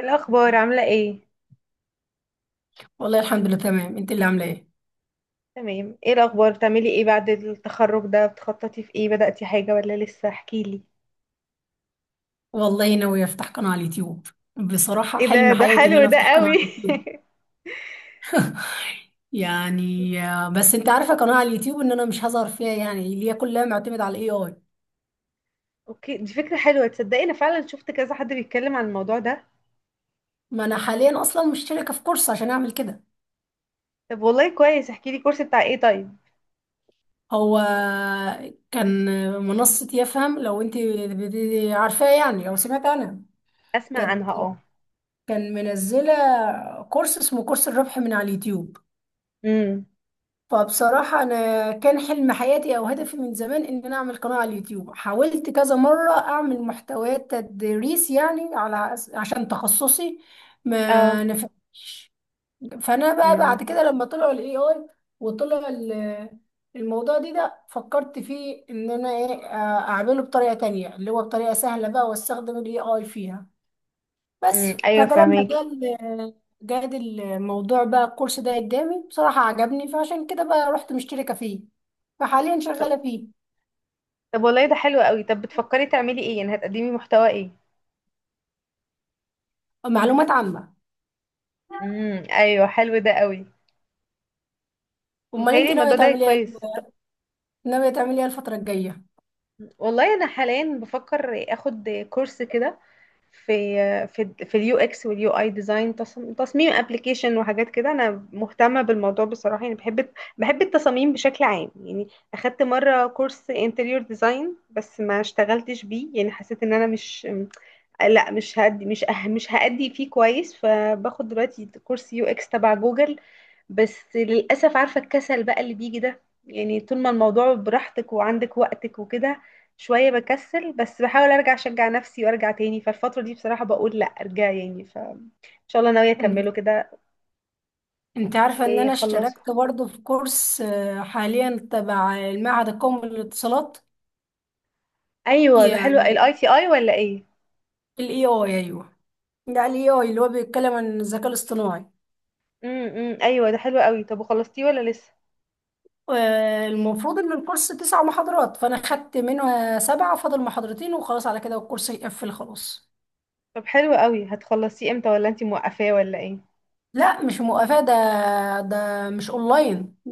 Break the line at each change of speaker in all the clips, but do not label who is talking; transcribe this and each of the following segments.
الأخبار عاملة ايه؟
والله الحمد لله تمام. انت اللي عامله ايه؟
تمام، ايه الأخبار؟ بتعملي ايه بعد التخرج ده؟ بتخططي في ايه؟ بدأتي حاجة ولا لسه؟ احكيلي.
والله ناوي افتح قناه على اليوتيوب. بصراحه
ايه ده
حلم
ده
حياتي ان
حلو
انا
ده
افتح قناه على
قوي.
اليوتيوب. يعني بس انت عارفه قناه على اليوتيوب ان انا مش هظهر فيها، يعني اللي هي كلها معتمده على الاي اي.
اوكي، دي فكرة حلوة. تصدقي انا فعلا شفت كذا حد بيتكلم عن الموضوع ده.
ما انا حاليا اصلا مشتركه في كورس عشان اعمل كده.
طب والله كويس، احكيلي كورس بتاع ايه طيب؟
هو كان منصه يفهم، لو انت عارفاه يعني او سمعت عنها.
اسمع
كانت
عنها، اه.
كان منزله كورس اسمه كورس الربح من على اليوتيوب.
امم.
فبصراحة أنا كان حلم حياتي أو هدفي من زمان إن أنا أعمل قناة على اليوتيوب. حاولت كذا مرة أعمل محتويات تدريس يعني عشان تخصصي،
اه.
ما نفعش. فأنا بقى بعد
امم
كده لما طلعوا ال AI وطلع ال- الموضوع ده فكرت فيه إن أنا إيه آه، أعمله بطريقة تانية، اللي هو بطريقة سهلة بقى وأستخدم ال AI فيها بس.
امم، ايوه
فده لما
فهماكي.
جال جاد الموضوع بقى، الكورس ده قدامي بصراحة عجبني، فعشان كده بقى رحت مشتركة فيه، فحاليا
طب
شغالة فيه.
طب والله ده حلو قوي. طب بتفكري تعملي ايه؟ يعني هتقدمي محتوى ايه؟
معلومات عامة.
امم، ايوه حلو ده قوي.
امال انت
متهيألي
ناوية
الموضوع ده
تعملي ايه؟
كويس.
ناوية تعملي ايه الفترة الجاية؟
والله انا حاليا بفكر اخد كورس كده، في اليو اكس واليو اي ديزاين، تصميم ابلكيشن وحاجات كده. انا مهتمه بالموضوع بصراحه، يعني بحب التصاميم بشكل عام يعني. اخدت مره كورس انتريور ديزاين بس ما اشتغلتش بيه، يعني حسيت ان انا مش لا مش هدي مش أه مش هأدي فيه كويس. فباخد دلوقتي كورس يو اكس تبع جوجل، بس للأسف عارفة الكسل بقى اللي بيجي ده. يعني طول ما الموضوع براحتك وعندك وقتك وكده، شوية بكسل، بس بحاول ارجع اشجع نفسي وارجع تاني. فالفترة دي بصراحة بقول لا، ارجع يعني، فان شاء الله ناوية
انت
اكمله كده
انت عارفة ان انا
واخلصه.
اشتركت برضه في كورس حاليا تبع المعهد القومي للاتصالات.
ايوه ده حلو،
يعني
الاي تي اي ولا ايه؟
الاي اي، ايوه. ده الاي اي اللي هو بيتكلم عن الذكاء الاصطناعي.
امم، إمم. ايوه ده حلو قوي. طب وخلصتيه ولا لسه؟
المفروض ان الكورس تسع محاضرات، فانا خدت منها سبعة، فاضل محاضرتين وخلاص على كده، والكورس يقفل خلاص.
طب حلو قوي، هتخلصيه امتى ولا انتي موقفاه ولا ايه؟
لا مش مقافاة ده. ده مش اونلاين،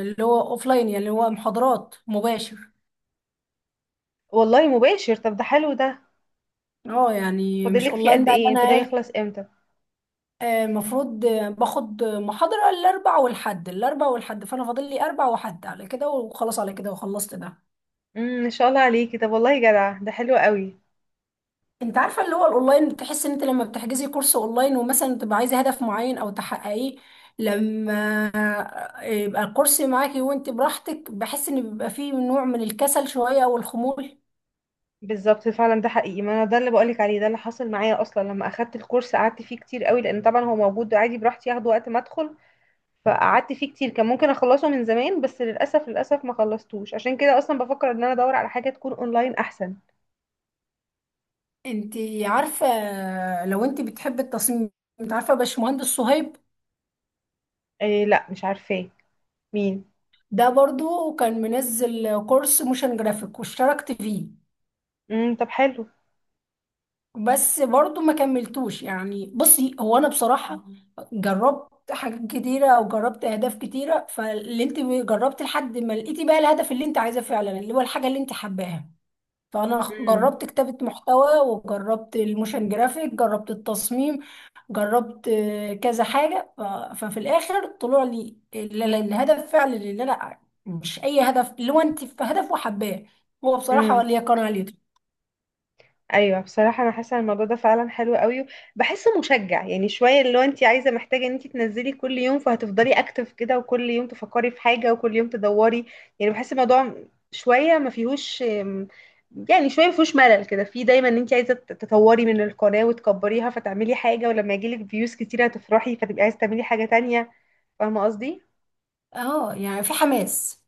اللي هو اوفلاين، يعني اللي هو محاضرات مباشر.
والله مباشر، طب ده حلو ده.
اه يعني مش
فاضلك فيه
اونلاين
قد
بقى اللي
ايه،
انا
فده
ايه.
يخلص امتى؟
المفروض باخد محاضرة الاربع والحد، فانا فاضل لي اربع وحد على كده وخلاص على كده وخلصت ده.
امم، ان شاء الله عليكي. طب والله جدع، ده حلو قوي.
انت عارفه اللي هو الاونلاين، بتحس ان انت لما بتحجزي كورس اونلاين ومثلا تبقى عايزه هدف معين او تحققيه، لما يبقى الكورس معاكي وانت براحتك، بحس ان بيبقى فيه نوع من الكسل شويه او الخمول.
بالظبط، فعلا ده حقيقي. ما انا ده اللي بقولك عليه، ده اللي حصل معايا اصلا. لما اخدت الكورس قعدت فيه كتير قوي، لان طبعا هو موجود عادي براحتي ياخده وقت ما ادخل. فقعدت فيه كتير، كان ممكن اخلصه من زمان، بس للاسف للاسف ما خلصتوش. عشان كده اصلا بفكر ان انا ادور على حاجه تكون اونلاين احسن.
انت عارفه، لو انت بتحبي التصميم، انت عارفه باشمهندس صهيب؟
إيه؟ لا مش عارفاه. مين؟
ده برضو كان منزل كورس موشن جرافيك واشتركت فيه،
امم، طب حلو.
بس برضو ما كملتوش. يعني بصي، هو انا بصراحة جربت حاجات كتيرة او جربت اهداف كتيرة، فاللي انت جربت لحد ما لقيتي بقى الهدف اللي انت عايزاه فعلا، اللي هو الحاجة اللي انت حباها. فانا
امم.
جربت كتابة محتوى، وجربت الموشن جرافيك، جربت التصميم، جربت كذا حاجة ف- ففي الاخر طلع لي الهدف فعلا اللي انا، مش اي هدف، اللي هو انت في هدف وحباه هو بصراحة ولا
امم،
يكون عليه.
ايوه بصراحه انا حاسه ان الموضوع ده فعلا حلو قوي. بحسه مشجع، يعني شويه اللي هو انت عايزه محتاجه ان انت تنزلي كل يوم، فهتفضلي اكتف كده، وكل يوم تفكري في حاجه، وكل يوم تدوري. يعني بحس الموضوع شويه ما فيهوش، يعني شويه ما فيهوش ملل كده، في دايما ان انت عايزه تطوري من القناه وتكبريها، فتعملي حاجه، ولما يجيلك فيوز كتير هتفرحي فتبقي عايزه تعملي حاجه تانية. فاهمه قصدي؟
اه يعني في حماس.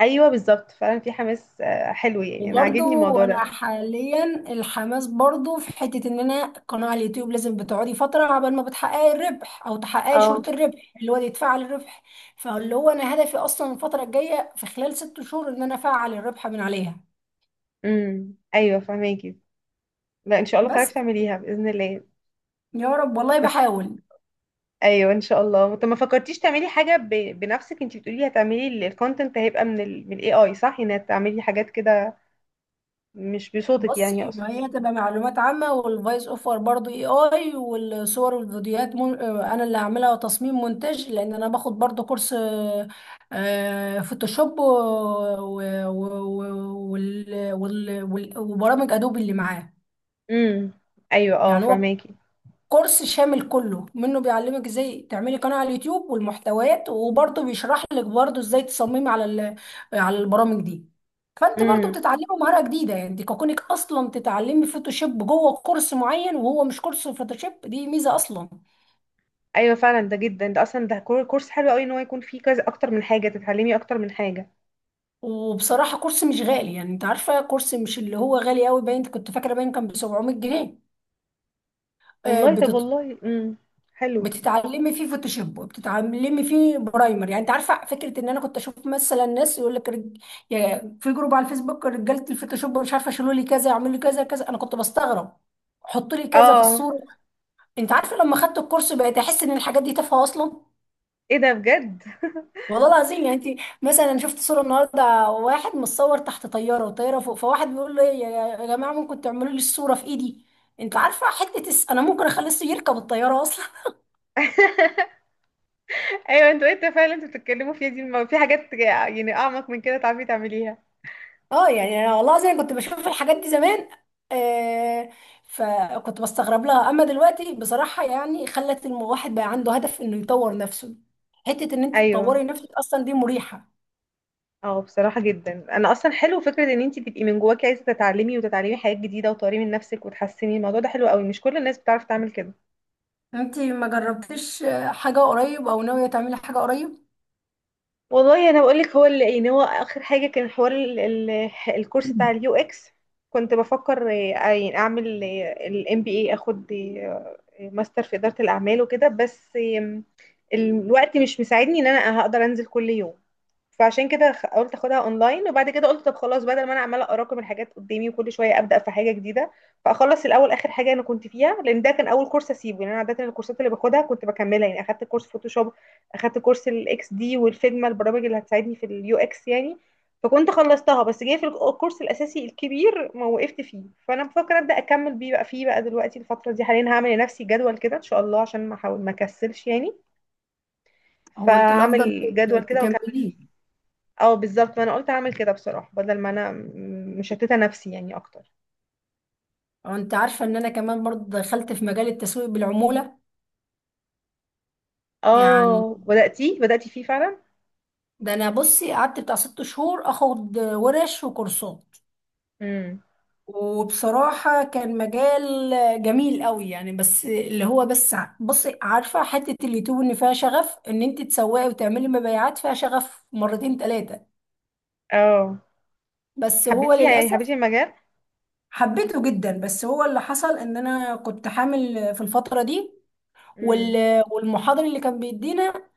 ايوه بالظبط، فعلا في حماس، حلو، يعني انا عاجبني
وبرضو
الموضوع
انا
ده.
حاليا الحماس برضو في حتة ان انا قناة على اليوتيوب لازم بتقعدي فترة عبال ما بتحققي الربح او تحققي
اه.
شروط الربح اللي هو يتفعل الربح. فاللي هو انا هدفي اصلا الفترة الجاية في خلال 6 شهور ان انا افعل الربح من عليها.
امم، ايوه فهماكي. لا، ان شاء الله
بس
تعرفي تعمليها باذن الله.
يا رب، والله
بس
بحاول.
ايوه، ان شاء الله. طب ما فكرتيش تعملي حاجه بنفسك؟ انت بتقولي هتعملي الكونتنت، هيبقى من الاي اي، صح؟ انك تعملي حاجات كده، مش بصوتك يعني،
بصي،
اقصد.
ما هي تبقى معلومات عامة، والفويس اوفر برضو اي اي، والصور والفيديوهات من... آه، انا اللي هعملها وتصميم مونتاج، لان انا باخد برضو كورس فوتوشوب و... و... و... وال... وال... وال... وبرامج ادوبي اللي معاه.
امم، ايوه اه
يعني هو
فهماكي.
كورس شامل كله منه، بيعلمك ازاي تعملي قناة على اليوتيوب والمحتويات، وبرضه بيشرح لك برضه ازاي تصممي على البرامج دي. فانت برضه
امم
بتتعلمي مهارة جديدة، يعني دي كونك اصلا تتعلمي فوتوشوب جوه كورس معين وهو مش كورس فوتوشوب، دي ميزة اصلا.
ايوه، فعلا ده جدا، ده اصلا ده كورس حلو قوي، ان هو يكون فيه كذا اكتر من حاجه، تتعلمي اكتر من حاجه.
وبصراحة كورس مش غالي، يعني انت عارفة كورس مش اللي هو غالي قوي، باين كنت فاكرة باين كان ب 700
والله، طب
جنيه
والله، حلو.
بتتعلمي فيه فوتوشوب، وبتتعلمي فيه برايمر. يعني انت عارفه فكره ان انا كنت اشوف مثلا ناس يقول لك في جروب على الفيسبوك رجاله الفوتوشوب مش عارفه، شيلوا لي كذا، يعملوا لي كذا كذا. انا كنت بستغرب. حطوا لي كذا في
اه،
الصوره. انت عارفه، لما خدت الكورس بقيت احس ان الحاجات دي تافهه اصلا.
ايه ده بجد؟
والله العظيم. يعني انت مثلا، أنا شفت صوره النهارده واحد متصور تحت طياره والطياره فوق، فواحد بيقول له إيه، يا يا جماعه ممكن تعملوا لي الصوره في ايدي. انت عارفه انا ممكن يركب الطياره.
ايوه، انتوا انت فعلا انتوا بتتكلموا فيها دي، ما في حاجات يعني اعمق من كده تعرفي تعمليها.
اه يعني انا والله زي كنت بشوف الحاجات دي زمان، آه فكنت بستغرب لها. اما دلوقتي بصراحة، يعني خلت الواحد بقى عنده هدف انه يطور نفسه. حتة ان انت
ايوه
تطوري نفسك اصلا دي مريحة.
اه، بصراحه جدا انا اصلا حلو فكره ان انت تبقي من جواكي عايزه تتعلمي وتتعلمي حاجات جديده وتطوري من نفسك وتحسني، الموضوع ده حلو قوي، مش كل الناس بتعرف تعمل كده.
انت ما جربتيش حاجة قريب او ناوية تعملي حاجة قريب؟
والله انا بقول لك، هو اللي يعني هو اخر حاجه كان حوار ال ال الكورس بتاع اليو اكس. كنت بفكر يعني اعمل الام بي اي، اخد ماستر في اداره الاعمال وكده، بس آم، الوقت مش مساعدني ان انا هقدر انزل كل يوم. فعشان كده قلت اخدها اونلاين، وبعد كده قلت طب خلاص، بدل ما انا عماله اراكم الحاجات قدامي وكل شويه ابدا في حاجه جديده، فاخلص الاول اخر حاجه انا كنت فيها، لان ده كان اول كورس اسيبه. يعني انا عاده الكورسات اللي باخدها كنت بكملها، يعني اخدت كورس فوتوشوب، اخدت كورس الاكس دي والفيجما، البرامج اللي هتساعدني في اليو اكس يعني. فكنت خلصتها بس جاي في الكورس الاساسي الكبير ما وقفت فيه. فانا بفكر ابدا اكمل بيه بقى فيه بقى. دلوقتي الفتره دي حاليا هعمل لنفسي جدول كده ان شاء الله، عشان ما احاول ما اكسلش يعني.
هو انت الافضل
فهعمل جدول كده واكمل
تكمليه.
فيه. اه بالظبط، ما انا قلت اعمل كده بصراحة، بدل ما انا مشتتة نفسي يعني اكتر.
هو انت عارفة ان انا كمان برضه دخلت في مجال التسويق بالعمولة. يعني
اه، بدأتي فيه فعلا.
ده انا بصي قعدت بتاع 6 شهور اخد ورش وكورسات.
امم
وبصراحة كان مجال جميل قوي. يعني بس اللي هو بصي عارفة، حتة اليوتيوب ان فيها شغف ان انت تسوقي وتعملي مبيعات فيها شغف مرتين تلاتة.
اه
بس هو
حبيتيها يعني، حبيتي
للأسف،
المجال؟
حبيته جدا، بس هو اللي حصل ان انا كنت حامل في الفترة دي.
امم
وال- والمحاضر اللي كان بيدينا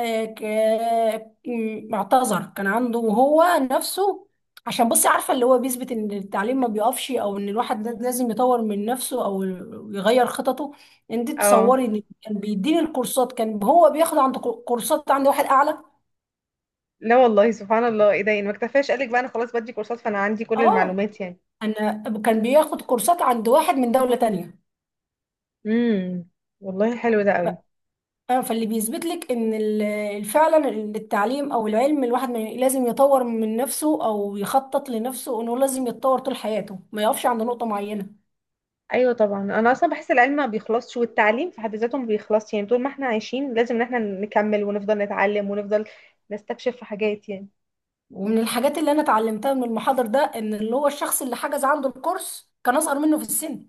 اعتذر، كان عنده هو نفسه. عشان بصي عارفة، اللي هو بيثبت ان التعليم ما بيقفش، او ان الواحد لازم يطور من نفسه او يغير خططه. انت
اه
تصوري ان كان بيديني الكورسات كان هو بياخد عند كورسات عند واحد اعلى.
لا والله سبحان الله، ايه ده؟ يعني ما اكتفاش قالك بقى انا خلاص بدي كورسات، فانا عندي كل
اه.
المعلومات يعني.
انا كان بياخد كورسات عند واحد من دولة تانية.
امم، والله حلو ده قوي.
اه، فاللي بيثبت لك ان فعلا التعليم او العلم، الواحد ما ي- لازم يطور من نفسه او يخطط لنفسه انه لازم يتطور طول حياته، ما يقفش عند نقطة معينة.
ايوه طبعا، انا اصلا بحس العلم ما بيخلصش والتعليم في حد ذاته ما بيخلصش يعني، طول ما احنا عايشين لازم ان احنا نكمل ونفضل نتعلم ونفضل نستكشف في حاجات يعني.
ومن الحاجات اللي انا اتعلمتها من المحاضر ده، ان اللي هو الشخص اللي حجز عنده الكورس كان اصغر منه في السن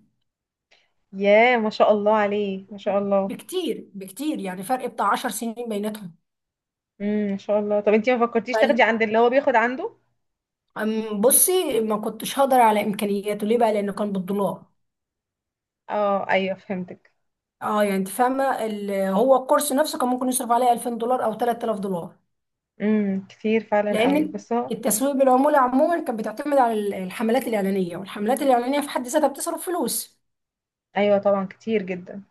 ياه، ما شاء الله عليه، ما شاء الله.
بكتير بكتير، يعني فرق بتاع 10 سنين بيناتهم.
امم، ما شاء الله. طب انتي ما فكرتيش
فال-
تاخدي عند اللي هو بياخد عنده؟
أم، بصي ما كنتش هقدر على امكانياته، ليه بقى؟ لانه كان بالدولار.
اه ايوه، فهمتك.
اه يعني انت فاهمه هو الكورس نفسه كان ممكن يصرف عليه 2000 دولار او 3000 دولار.
امم، كتير فعلا قوي،
لان
بس هو.
التسويق بالعموله عموما كانت بتعتمد على الحملات الاعلانيه، والحملات الاعلانيه في حد ذاتها بتصرف فلوس.
ايوه طبعا كتير جدا.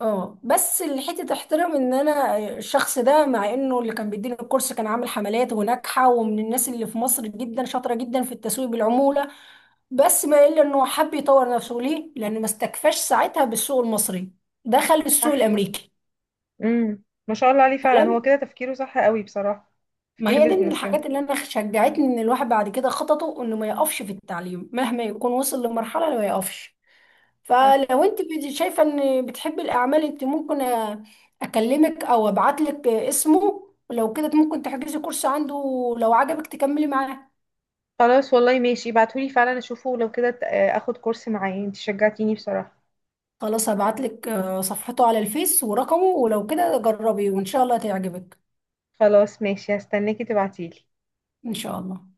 اه بس الحته تحترم ان انا الشخص ده، مع انه اللي كان بيديني الكورس كان عامل حملات وناجحه ومن الناس اللي في مصر جدا شاطره جدا في التسويق بالعموله، بس ما الا انه حب يطور نفسه. ليه؟ لانه ما استكفاش ساعتها بالسوق المصري، دخل السوق
صح.
الامريكي.
امم ما شاء الله عليه، فعلا
فلم.
هو كده تفكيره صح قوي بصراحة،
ما
تفكير
هي دي من
بيزنس كده.
الحاجات اللي انا شجعتني ان الواحد بعد كده خططه انه ما يقفش في التعليم، مهما يكون وصل لمرحله ما يقفش.
صح،
فلو انت شايفه ان بتحبي الاعمال، انت ممكن اكلمك او ابعت لك اسمه، ولو كده ممكن تحجزي كورس عنده، لو عجبك تكملي معاه.
خلاص والله ماشي، ابعتهولي فعلا اشوفه، لو كده اخد كورس معاه، انتي شجعتيني بصراحة.
خلاص هبعت لك صفحته على الفيس ورقمه، ولو كده جربي وان شاء الله تعجبك.
خلاص ماشي، هستناكي تبعتيلي.
ان شاء الله.